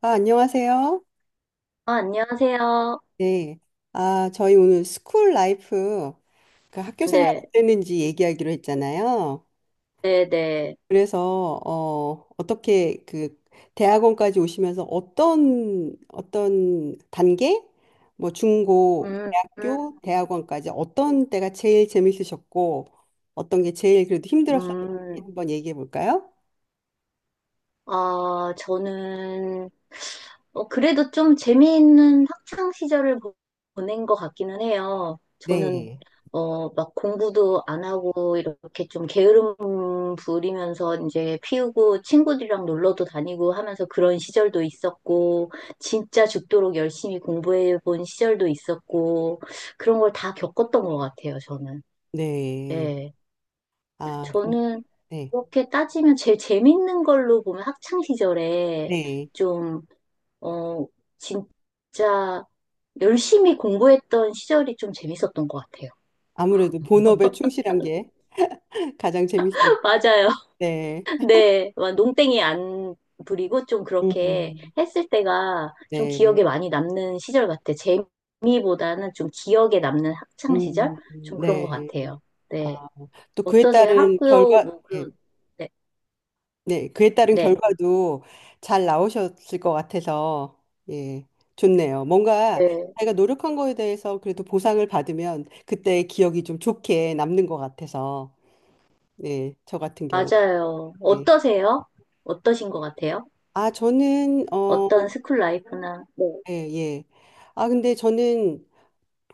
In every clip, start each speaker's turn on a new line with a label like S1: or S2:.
S1: 아, 안녕하세요.
S2: 아, 안녕하세요.
S1: 네. 아, 저희 오늘 스쿨 라이프, 그 학교 생활
S2: 네,
S1: 어땠는지 얘기하기로 했잖아요.
S2: 네, 네.
S1: 그래서, 어, 어떻게 그 대학원까지 오시면서 어떤, 어떤 단계? 뭐 중고,
S2: 음, 음,
S1: 대학교, 대학원까지 어떤 때가 제일 재밌으셨고, 어떤 게 제일 그래도 힘들었었는지
S2: 음.
S1: 한번 얘기해 볼까요?
S2: 아, 저는, 그래도 좀 재미있는 학창 시절을 보낸 것 같기는 해요. 저는,
S1: 네.
S2: 막 공부도 안 하고, 이렇게 좀 게으름 부리면서 이제 피우고, 친구들이랑 놀러도 다니고 하면서 그런 시절도 있었고, 진짜 죽도록 열심히 공부해 본 시절도 있었고, 그런 걸 다 겪었던 것 같아요, 저는.
S1: 네.
S2: 네.
S1: 아, 그,
S2: 저는
S1: 네.
S2: 그렇게 따지면 제일 재밌는 걸로 보면 학창 시절에
S1: 네.
S2: 좀, 어, 진짜 열심히 공부했던 시절이 좀 재밌었던 것 같아요.
S1: 아무래도 본업에 충실한 게. 가장 재밌었.
S2: 맞아요.
S1: 네.
S2: 네. 막 농땡이 안 부리고 좀 그렇게
S1: 음,
S2: 했을 때가 좀
S1: 네.
S2: 기억에 많이 남는 시절 같아요. 재미보다는 좀 기억에 남는 학창 시절?
S1: 음,
S2: 좀 그런
S1: 네.
S2: 것 같아요.
S1: 아,
S2: 네.
S1: 또 그에
S2: 어떠세요?
S1: 따른
S2: 학교,
S1: 결과,
S2: 뭐,
S1: 예.
S2: 그런, 네.
S1: 네. 그에 따른
S2: 네.
S1: 결과도 잘 나오셨을 것 같아서, 예. 좋네요. 뭔가
S2: 네.
S1: 자기가 노력한 거에 대해서 그래도 보상을 받으면 그때의 기억이 좀 좋게 남는 것 같아서, 예. 저 같은 경우.
S2: 맞아요.
S1: 예.
S2: 어떠세요? 어떠신 것 같아요?
S1: 아, 저는, 어,
S2: 어떤 스쿨 라이프나, 네.
S1: 예, 예. 아, 근데 저는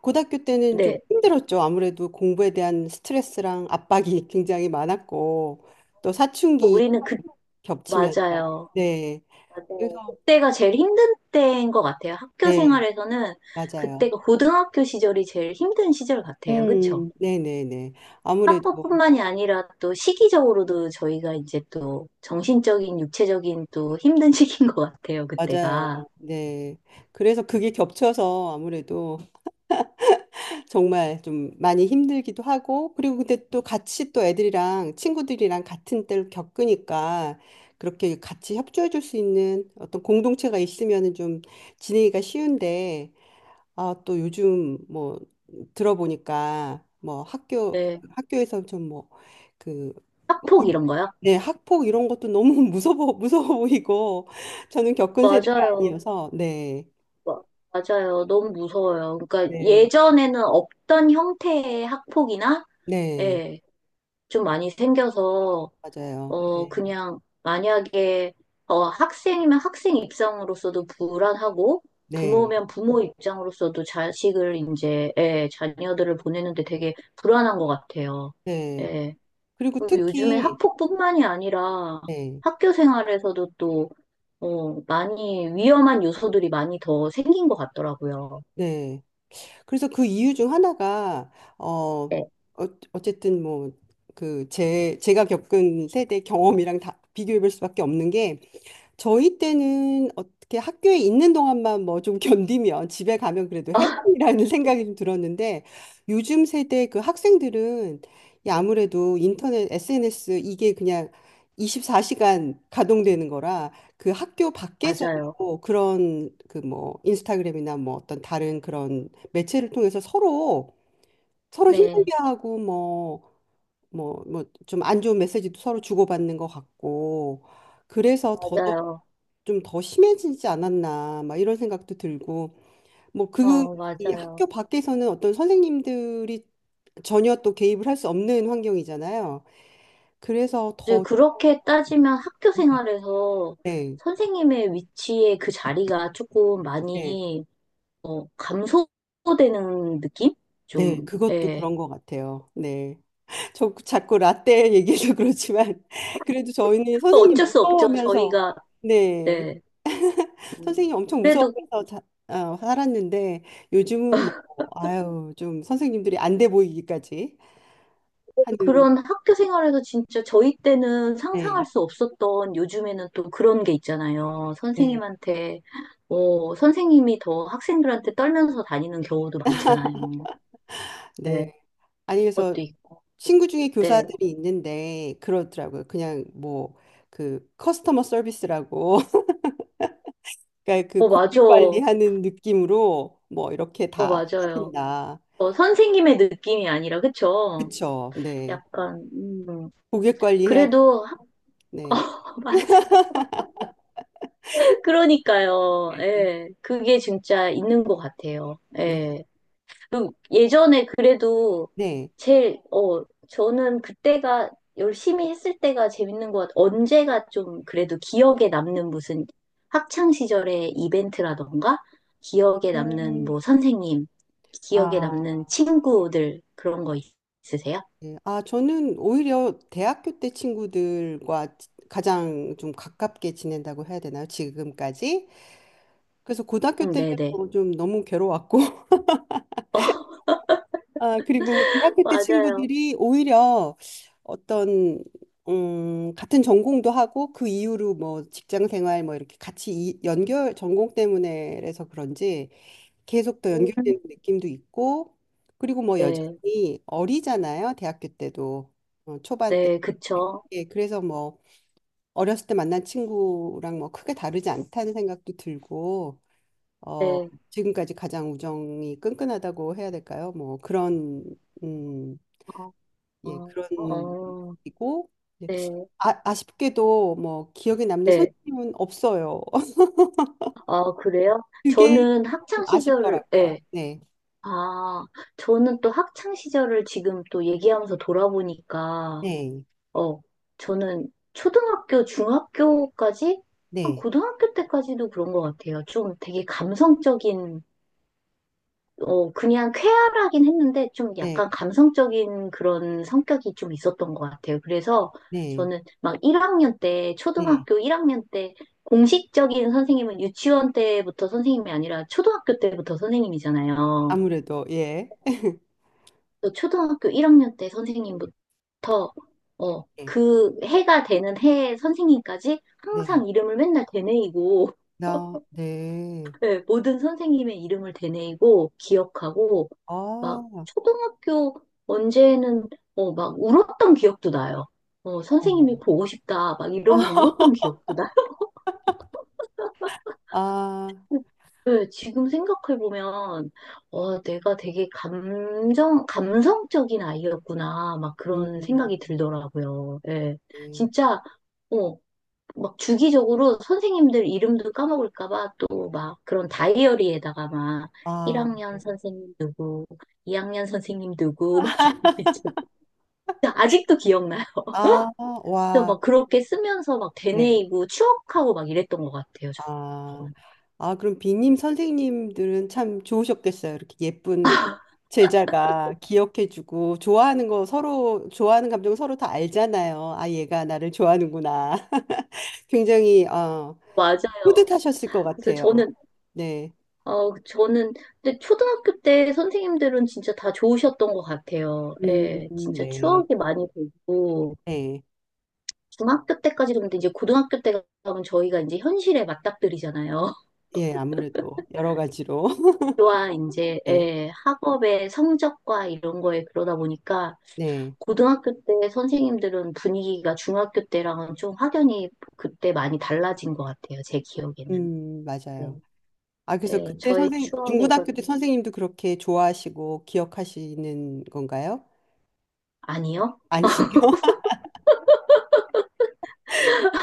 S1: 고등학교 때는 좀
S2: 네.
S1: 힘들었죠. 아무래도 공부에 대한 스트레스랑 압박이 굉장히 많았고, 또 사춘기
S2: 우리는 그,
S1: 겹치면서.
S2: 맞아요.
S1: 네.
S2: 맞아요.
S1: 그래서,
S2: 그때가 제일 힘든 때인 것 같아요. 학교
S1: 네,
S2: 생활에서는
S1: 맞아요.
S2: 그때가 고등학교 시절이 제일 힘든 시절 같아요. 그쵸?
S1: 네네네. 아무래도,
S2: 학업뿐만이 아니라 또 시기적으로도 저희가 이제 또 정신적인, 육체적인 또 힘든 시기인 것 같아요.
S1: 맞아요.
S2: 그때가.
S1: 네. 그래서 그게 겹쳐서 아무래도 정말 좀 많이 힘들기도 하고, 그리고 근데 또 같이 또 애들이랑 친구들이랑 같은 때를 겪으니까 그렇게 같이 협조해 줄 수 있는 어떤 공동체가 있으면은 좀 지내기가 쉬운데, 아, 또 요즘 뭐 들어보니까 뭐 학교,
S2: 네.
S1: 학교에서 좀 뭐 그,
S2: 학폭 이런 거요?
S1: 네, 학폭 이런 것도 너무 무서워, 무서워 보이고, 저는 겪은 세대가
S2: 맞아요.
S1: 아니어서, 네,
S2: 맞아요. 너무 무서워요. 그러니까
S1: 네,
S2: 예전에는 없던 형태의 학폭이나,
S1: 네,
S2: 예, 좀 많이 생겨서,
S1: 맞아요. 네,
S2: 그냥 만약에, 학생이면 학생 입장으로서도 불안하고,
S1: 네,
S2: 부모면 부모 입장으로서도 자식을 이제, 예, 자녀들을 보내는데 되게 불안한 것 같아요.
S1: 네.
S2: 예.
S1: 그리고
S2: 그리고 요즘에
S1: 특히
S2: 학폭뿐만이 아니라
S1: 네,
S2: 학교 생활에서도 또, 많이 위험한 요소들이 많이 더 생긴 것 같더라고요.
S1: 네. 그래서 그 이유 중 하나가 어,
S2: 예.
S1: 어 어쨌든 뭐 그 제 제가 겪은 세대 경험이랑 다 비교해 볼 수밖에 없는 게 저희 때는 어떻게 학교에 있는 동안만 뭐 좀 견디면 집에 가면 그래도 해방이라는 생각이 좀 들었는데 요즘 세대 그 학생들은 이 아무래도 인터넷, SNS 이게 그냥 24시간 가동되는 거라 그 학교
S2: 맞아요.
S1: 밖에서도 그런 그 뭐 인스타그램이나 뭐 어떤 다른 그런 매체를 통해서 서로 서로
S2: 네,
S1: 힘들게 하고 뭐 뭐 좀 안 좋은 메시지도 서로 주고받는 것 같고 그래서
S2: 맞아요.
S1: 좀 더 심해지지 않았나 막 이런 생각도 들고 뭐 그
S2: 어,
S1: 이
S2: 맞아요.
S1: 학교 밖에서는 어떤 선생님들이 전혀 또 개입을 할 수 없는 환경이잖아요. 그래서
S2: 이제
S1: 더
S2: 그렇게 따지면 학교 생활에서
S1: 네,
S2: 선생님의 위치에 그 자리가 조금
S1: 네,
S2: 많이 감소되는 느낌?
S1: 네,
S2: 좀,
S1: 그것도
S2: 예.
S1: 그런 것 같아요. 네, 저 자꾸 라떼 얘기해서 그렇지만 그래도 저희는
S2: 뭐
S1: 선생님
S2: 어쩔 수 없죠.
S1: 무서워하면서
S2: 저희가,
S1: 네,
S2: 네. 음,
S1: 선생님 엄청
S2: 그래도
S1: 무서워하면서 자, 어, 살았는데 요즘은 뭐 아유 좀 선생님들이 안돼 보이기까지 하는
S2: 그런 학교 생활에서 진짜 저희 때는 상상할
S1: 네.
S2: 수 없었던 요즘에는 또 그런 게 있잖아요.
S1: 네.
S2: 선생님한테, 선생님이 더 학생들한테 떨면서 다니는 경우도 많잖아요.
S1: 네.
S2: 네,
S1: 아니, 그래서
S2: 그것도 있고.
S1: 친구 중에
S2: 네.
S1: 교사들이 있는데 그러더라고요. 그냥 뭐 그 커스터머 서비스라고 그러니까 그
S2: 어, 맞아.
S1: 고객
S2: 어,
S1: 관리하는 느낌으로 뭐 이렇게 다 해야
S2: 맞아요.
S1: 된다.
S2: 선생님의 느낌이 아니라, 그쵸?
S1: 그쵸? 네.
S2: 약간,
S1: 고객 관리해야 돼.
S2: 그래도,
S1: 네.
S2: 어, 맞아. 그러니까요. 예, 그게 진짜 있는 것 같아요.
S1: 네.
S2: 예. 그리고 예전에 그래도
S1: 네.
S2: 제일, 저는 그때가 열심히 했을 때가 재밌는 것 같아요. 언제가 좀 그래도 기억에 남는 무슨 학창 시절의 이벤트라던가 기억에 남는
S1: 음.
S2: 뭐 선생님, 기억에
S1: 아,
S2: 남는 친구들 그런 거 있으세요?
S1: 네. 아, 저는 오히려 대학교 때 친구들과 지- 가장 좀 가깝게 지낸다고 해야 되나요? 지금까지? 그래서 고등학교 때는
S2: 네네.
S1: 뭐좀 너무 괴로웠고 아, 그리고 대학교 때
S2: 맞아요.
S1: 친구들이 오히려 어떤, 같은 전공도 하고 그 이후로 뭐 직장 생활 뭐 이렇게 같이 이, 연결, 전공 때문에 그래서 그런지 계속 더
S2: 음.
S1: 연결되는 느낌도 있고 그리고 뭐
S2: 네,
S1: 여전히 어리잖아요. 대학교 때도. 어, 초반 때.
S2: 네, 그쵸.
S1: 예, 그래서 뭐 어렸을 때 만난 친구랑 뭐 크게 다르지 않다는 생각도 들고 어,
S2: 네,
S1: 지금까지 가장 우정이 끈끈하다고 해야 될까요? 뭐 그런 음,
S2: 어,
S1: 예,
S2: 어,
S1: 그런
S2: 어,
S1: 이고 예.
S2: 네,
S1: 아, 아쉽게도 뭐 기억에 남는
S2: 네.
S1: 선생님은 없어요.
S2: 아, 그래요?
S1: 그게
S2: 저는
S1: 좀
S2: 학창 시절을,
S1: 아쉽더라고요.
S2: 네.
S1: 네.
S2: 아, 저는 또 학창 시절을 지금 또 얘기하면서 돌아보니까,
S1: 네.
S2: 어, 저는 초등학교, 중학교까지, 한
S1: 네.
S2: 고등학교 때까지도 그런 것 같아요. 좀 되게 감성적인, 그냥 쾌활하긴 했는데, 좀
S1: 네.
S2: 약간 감성적인 그런 성격이 좀 있었던 것 같아요. 그래서
S1: 네.
S2: 저는 막 1학년 때,
S1: 네.
S2: 초등학교 1학년 때, 공식적인 선생님은 유치원 때부터 선생님이 아니라 초등학교 때부터 선생님이잖아요.
S1: 아무래도 예.
S2: 저 초등학교 1학년 때 선생님부터
S1: 네.
S2: 그 해가 되는 해 선생님까지
S1: 네.
S2: 항상 이름을 맨날 되뇌이고
S1: 나 네.
S2: 예, 모든 선생님의 이름을 되뇌이고 기억하고
S1: 아.
S2: 막
S1: 어.
S2: 초등학교 언제는 막 울었던 기억도 나요. 선생님이 보고 싶다 막 이러면서 울었던 기억도 나요.
S1: 아.
S2: 네, 지금 생각해보면, 내가 되게 감성적인 아이였구나, 막 그런
S1: 음.
S2: 생각이 들더라고요. 예.
S1: 네.
S2: 진짜, 어, 막 주기적으로 선생님들 이름도 까먹을까봐 또 막 그런 다이어리에다가 막
S1: 아.
S2: 1학년 선생님, 2학년 선생님 누구, 막 이런 거 있죠. 아직도 기억나요.
S1: 아.
S2: 그래서
S1: 와.
S2: 막 그렇게 쓰면서 막
S1: 네.
S2: 되뇌이고 추억하고 막 이랬던 것 같아요,
S1: 아,
S2: 저는.
S1: 아, 그럼 비님 선생님들은 참 좋으셨겠어요. 이렇게 예쁜 제자가 기억해주고 좋아하는 거 서로 좋아하는 감정 서로 다 알잖아요. 아, 얘가 나를 좋아하는구나. 굉장히 어,
S2: 맞아요.
S1: 뿌듯하셨을 것
S2: 그래서
S1: 같아요.
S2: 저는
S1: 네,
S2: 어, 저는, 근데 초등학교 때 선생님들은 진짜 다 좋으셨던 것 같아요. 예, 진짜
S1: 네,
S2: 추억이 많이 되고,
S1: 네,
S2: 중학교 때까지도 근데 이제 고등학교 때 가면 저희가 이제 현실에 맞닥뜨리잖아요.
S1: 예, 아무래도 여러 가지로
S2: 와, 이제,
S1: 네,
S2: 예, 학업의 성적과 이런 거에 그러다 보니까,
S1: 네,
S2: 고등학교 때 선생님들은 분위기가 중학교 때랑은 좀 확연히 그때 많이 달라진 것 같아요. 제 기억에는. 네,
S1: 맞아요. 아, 그래서
S2: 네,
S1: 그때
S2: 저의
S1: 선생 중고등학교 때
S2: 추억에서는
S1: 선생님도 그렇게 좋아하시고 기억하시는 건가요?
S2: 아니요.
S1: 아니시죠?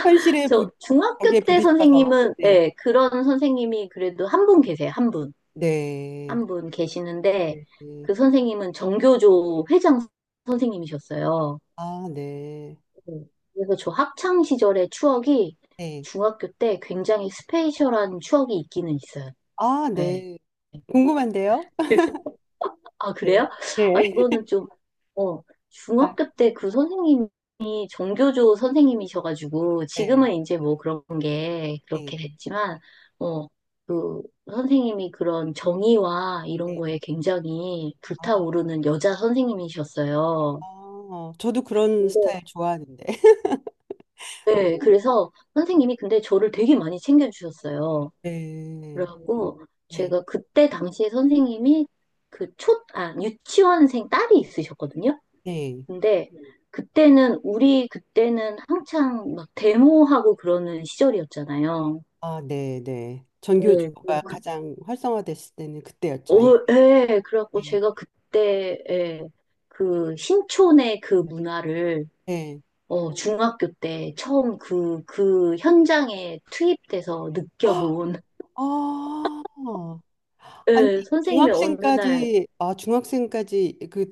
S1: 현실에 부,
S2: 저
S1: 벽에
S2: 중학교 때
S1: 부딪혀서.
S2: 선생님은
S1: 네.
S2: 네, 그런 선생님이 그래도 한 분 계세요. 한 분.
S1: 네.
S2: 한 분 계시는데
S1: 네. 네.
S2: 그 선생님은 정교조 회장 선생님이셨어요.
S1: 아, 네.
S2: 네. 그래서 저 학창 시절의 추억이
S1: 네.
S2: 중학교 때 굉장히 스페셜한 추억이 있기는 있어요.
S1: 아,
S2: 네.
S1: 네. 궁금한데요?
S2: 그래서 아,
S1: 네.
S2: 그래요? 아,
S1: 네.
S2: 이거는 좀, 어,
S1: 아,
S2: 중학교 때 그 선생님이 정교조 선생님이셔가지고
S1: 네.
S2: 지금은 이제 뭐 그런 게
S1: 네.
S2: 그렇게 됐지만 어, 그 선생님이 그런 정의와 이런
S1: 네.
S2: 거에 굉장히
S1: 아,
S2: 불타오르는 여자 선생님이셨어요.
S1: 아, 저도 그런
S2: 근데
S1: 스타일 좋아하는데.
S2: 네, 그래서 선생님이 근데 저를 되게 많이 챙겨주셨어요.
S1: 네.
S2: 그래갖고
S1: 네.
S2: 제가 그때 당시에 선생님이 그 아, 유치원생 딸이 있으셨거든요.
S1: 네.
S2: 근데 그때는 우리 그때는 한창 막 데모하고 그러는 시절이었잖아요.
S1: 아, 네. 네.
S2: 네, 그래서
S1: 전교조가 가장 활성화됐을 때는 그때였죠. 예.
S2: 예, 그래갖고
S1: 네.
S2: 제가 그때 예, 그 신촌의 그 문화를
S1: 네.
S2: 중학교 때 처음 그 현장에 투입돼서
S1: 아,
S2: 느껴본
S1: 아. 아니,
S2: 예, 선생님의 어느 날
S1: 중학생까지, 아, 중학생까지 그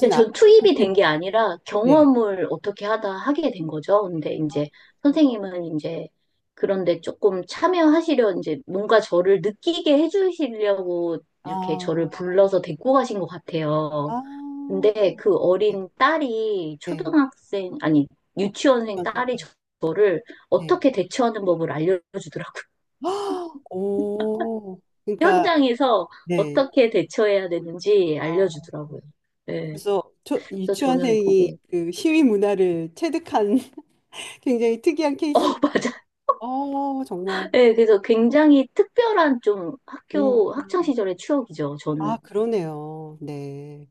S2: 근데
S1: 않을
S2: 전 투입이 된 게
S1: 텐데.
S2: 아니라
S1: 네.
S2: 경험을 어떻게 하다 하게 된 거죠. 근데 이제 선생님은 이제 그런데 조금 참여하시려 이제 뭔가 저를 느끼게 해주시려고 이렇게 저를
S1: 아,
S2: 불러서 데리고 가신 것 같아요.
S1: 아,
S2: 근데 그
S1: 네.
S2: 어린 딸이
S1: 네.
S2: 초등학생, 아니, 유치원생
S1: 전
S2: 딸이
S1: 세계.
S2: 저를
S1: 네.
S2: 어떻게 대처하는 법을 알려주더라고요.
S1: 아, 오, 그러니까,
S2: 현장에서
S1: 네.
S2: 어떻게 대처해야 되는지
S1: 아,
S2: 알려주더라고요. 네.
S1: 그래서 초,
S2: 그래서 저는
S1: 유치원생이
S2: 그게,
S1: 그 시위 문화를 체득한 굉장히 특이한
S2: 어,
S1: 케이스.
S2: 맞아요.
S1: 어, 정말.
S2: 네, 그래서 굉장히 특별한 좀
S1: 음.
S2: 학교, 학창 시절의 추억이죠,
S1: 아,
S2: 저는.
S1: 그러네요. 네.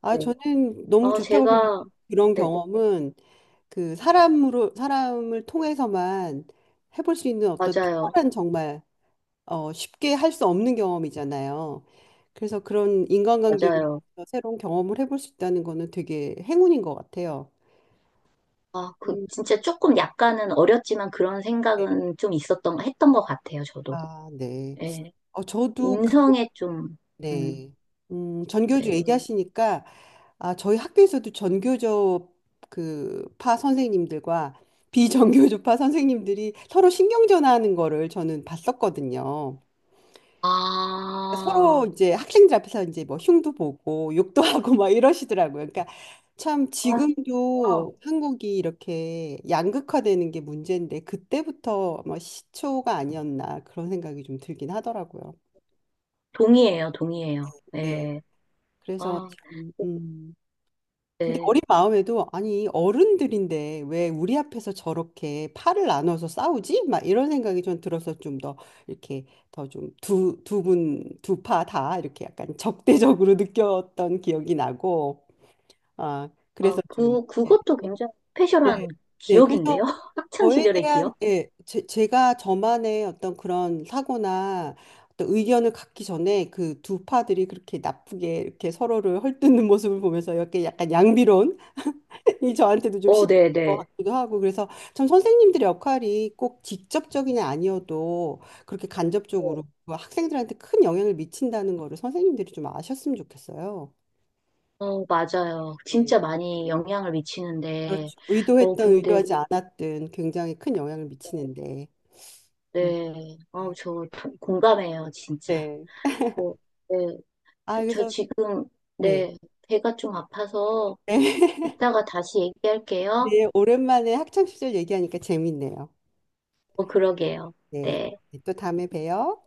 S1: 아,
S2: 네.
S1: 저는 너무
S2: 아,
S1: 좋다고 생각.
S2: 제가,
S1: 그런
S2: 네,
S1: 경험은 그 사람으로 사람을 통해서만 해볼 수 있는 어떤
S2: 맞아요.
S1: 특별한 정말 어, 쉽게 할 수 없는 경험이잖아요. 그래서 그런 인간관계로
S2: 맞아요.
S1: 인해서 새로운 경험을 해볼 수 있다는 거는 되게 행운인 것 같아요.
S2: 아, 그,
S1: 음,
S2: 진짜 조금 약간은 어렸지만 그런
S1: 네.
S2: 생각은 좀 있었던, 했던 것 같아요, 저도.
S1: 아, 네.
S2: 예.
S1: 어, 저도 그,
S2: 인성에 좀, 음,
S1: 네. 전교조
S2: 네.
S1: 얘기하시니까, 아, 저희 학교에서도 전교조 그 파 선생님들과 비전교조파 선생님들이 서로 신경전하는 거를 저는 봤었거든요.
S2: 아,
S1: 서로 이제 학생들 앞에서 이제 뭐 흉도 보고 욕도 하고 막 이러시더라고요. 그러니까 참
S2: 아, 진짜.
S1: 지금도 한국이 이렇게 양극화되는 게 문제인데 그때부터 뭐 시초가 아니었나 그런 생각이 좀 들긴 하더라고요.
S2: 동의해요, 동의해요.
S1: 네.
S2: 예.
S1: 그래서
S2: 아,
S1: 참, 근데
S2: 네.
S1: 어린 마음에도 아니 어른들인데 왜 우리 앞에서 저렇게 팔을 나눠서 싸우지? 막 이런 생각이 좀 들어서 좀 더 이렇게 더 좀 두 분 두 파 다 이렇게 약간 적대적으로 느꼈던 기억이 나고 아
S2: 아,
S1: 그래서 좀 예,
S2: 그것도 굉장히
S1: 네,
S2: 스페셜한
S1: 네 그래서
S2: 기억인데요? 학창
S1: 저에
S2: 시절의
S1: 대한
S2: 기억?
S1: 예 제가 저만의 어떤 그런 사고나 어떤 의견을 갖기 전에 그 두 파들이 그렇게 나쁘게 이렇게 서로를 헐뜯는 모습을 보면서 이렇게 약간 양비론 이 저한테도 좀
S2: 어,
S1: 시작인
S2: 네,
S1: 것
S2: 네.
S1: 같기도 하고 그래서 참 선생님들의 역할이 꼭 직접적이냐 아니어도 그렇게 간접적으로 그 학생들한테 큰 영향을 미친다는 거를 선생님들이 좀 아셨으면 좋겠어요.
S2: 어, 맞아요.
S1: 네,
S2: 진짜 많이 영향을 미치는데,
S1: 그렇죠. 의도했던
S2: 근데,
S1: 의도하지 않았든 굉장히 큰 영향을 미치는데. 음,
S2: 네,
S1: 네.
S2: 저 공감해요, 진짜.
S1: 네.
S2: 저, 네,
S1: 아,
S2: 저
S1: 그래서
S2: 지금,
S1: 네.
S2: 네, 배가 좀 아파서 이따가 다시 얘기할게요.
S1: 네, 오랜만에 학창 시절 얘기하니까 재밌네요.
S2: 어, 그러게요.
S1: 네.
S2: 네.
S1: 네, 또 다음에 봬요.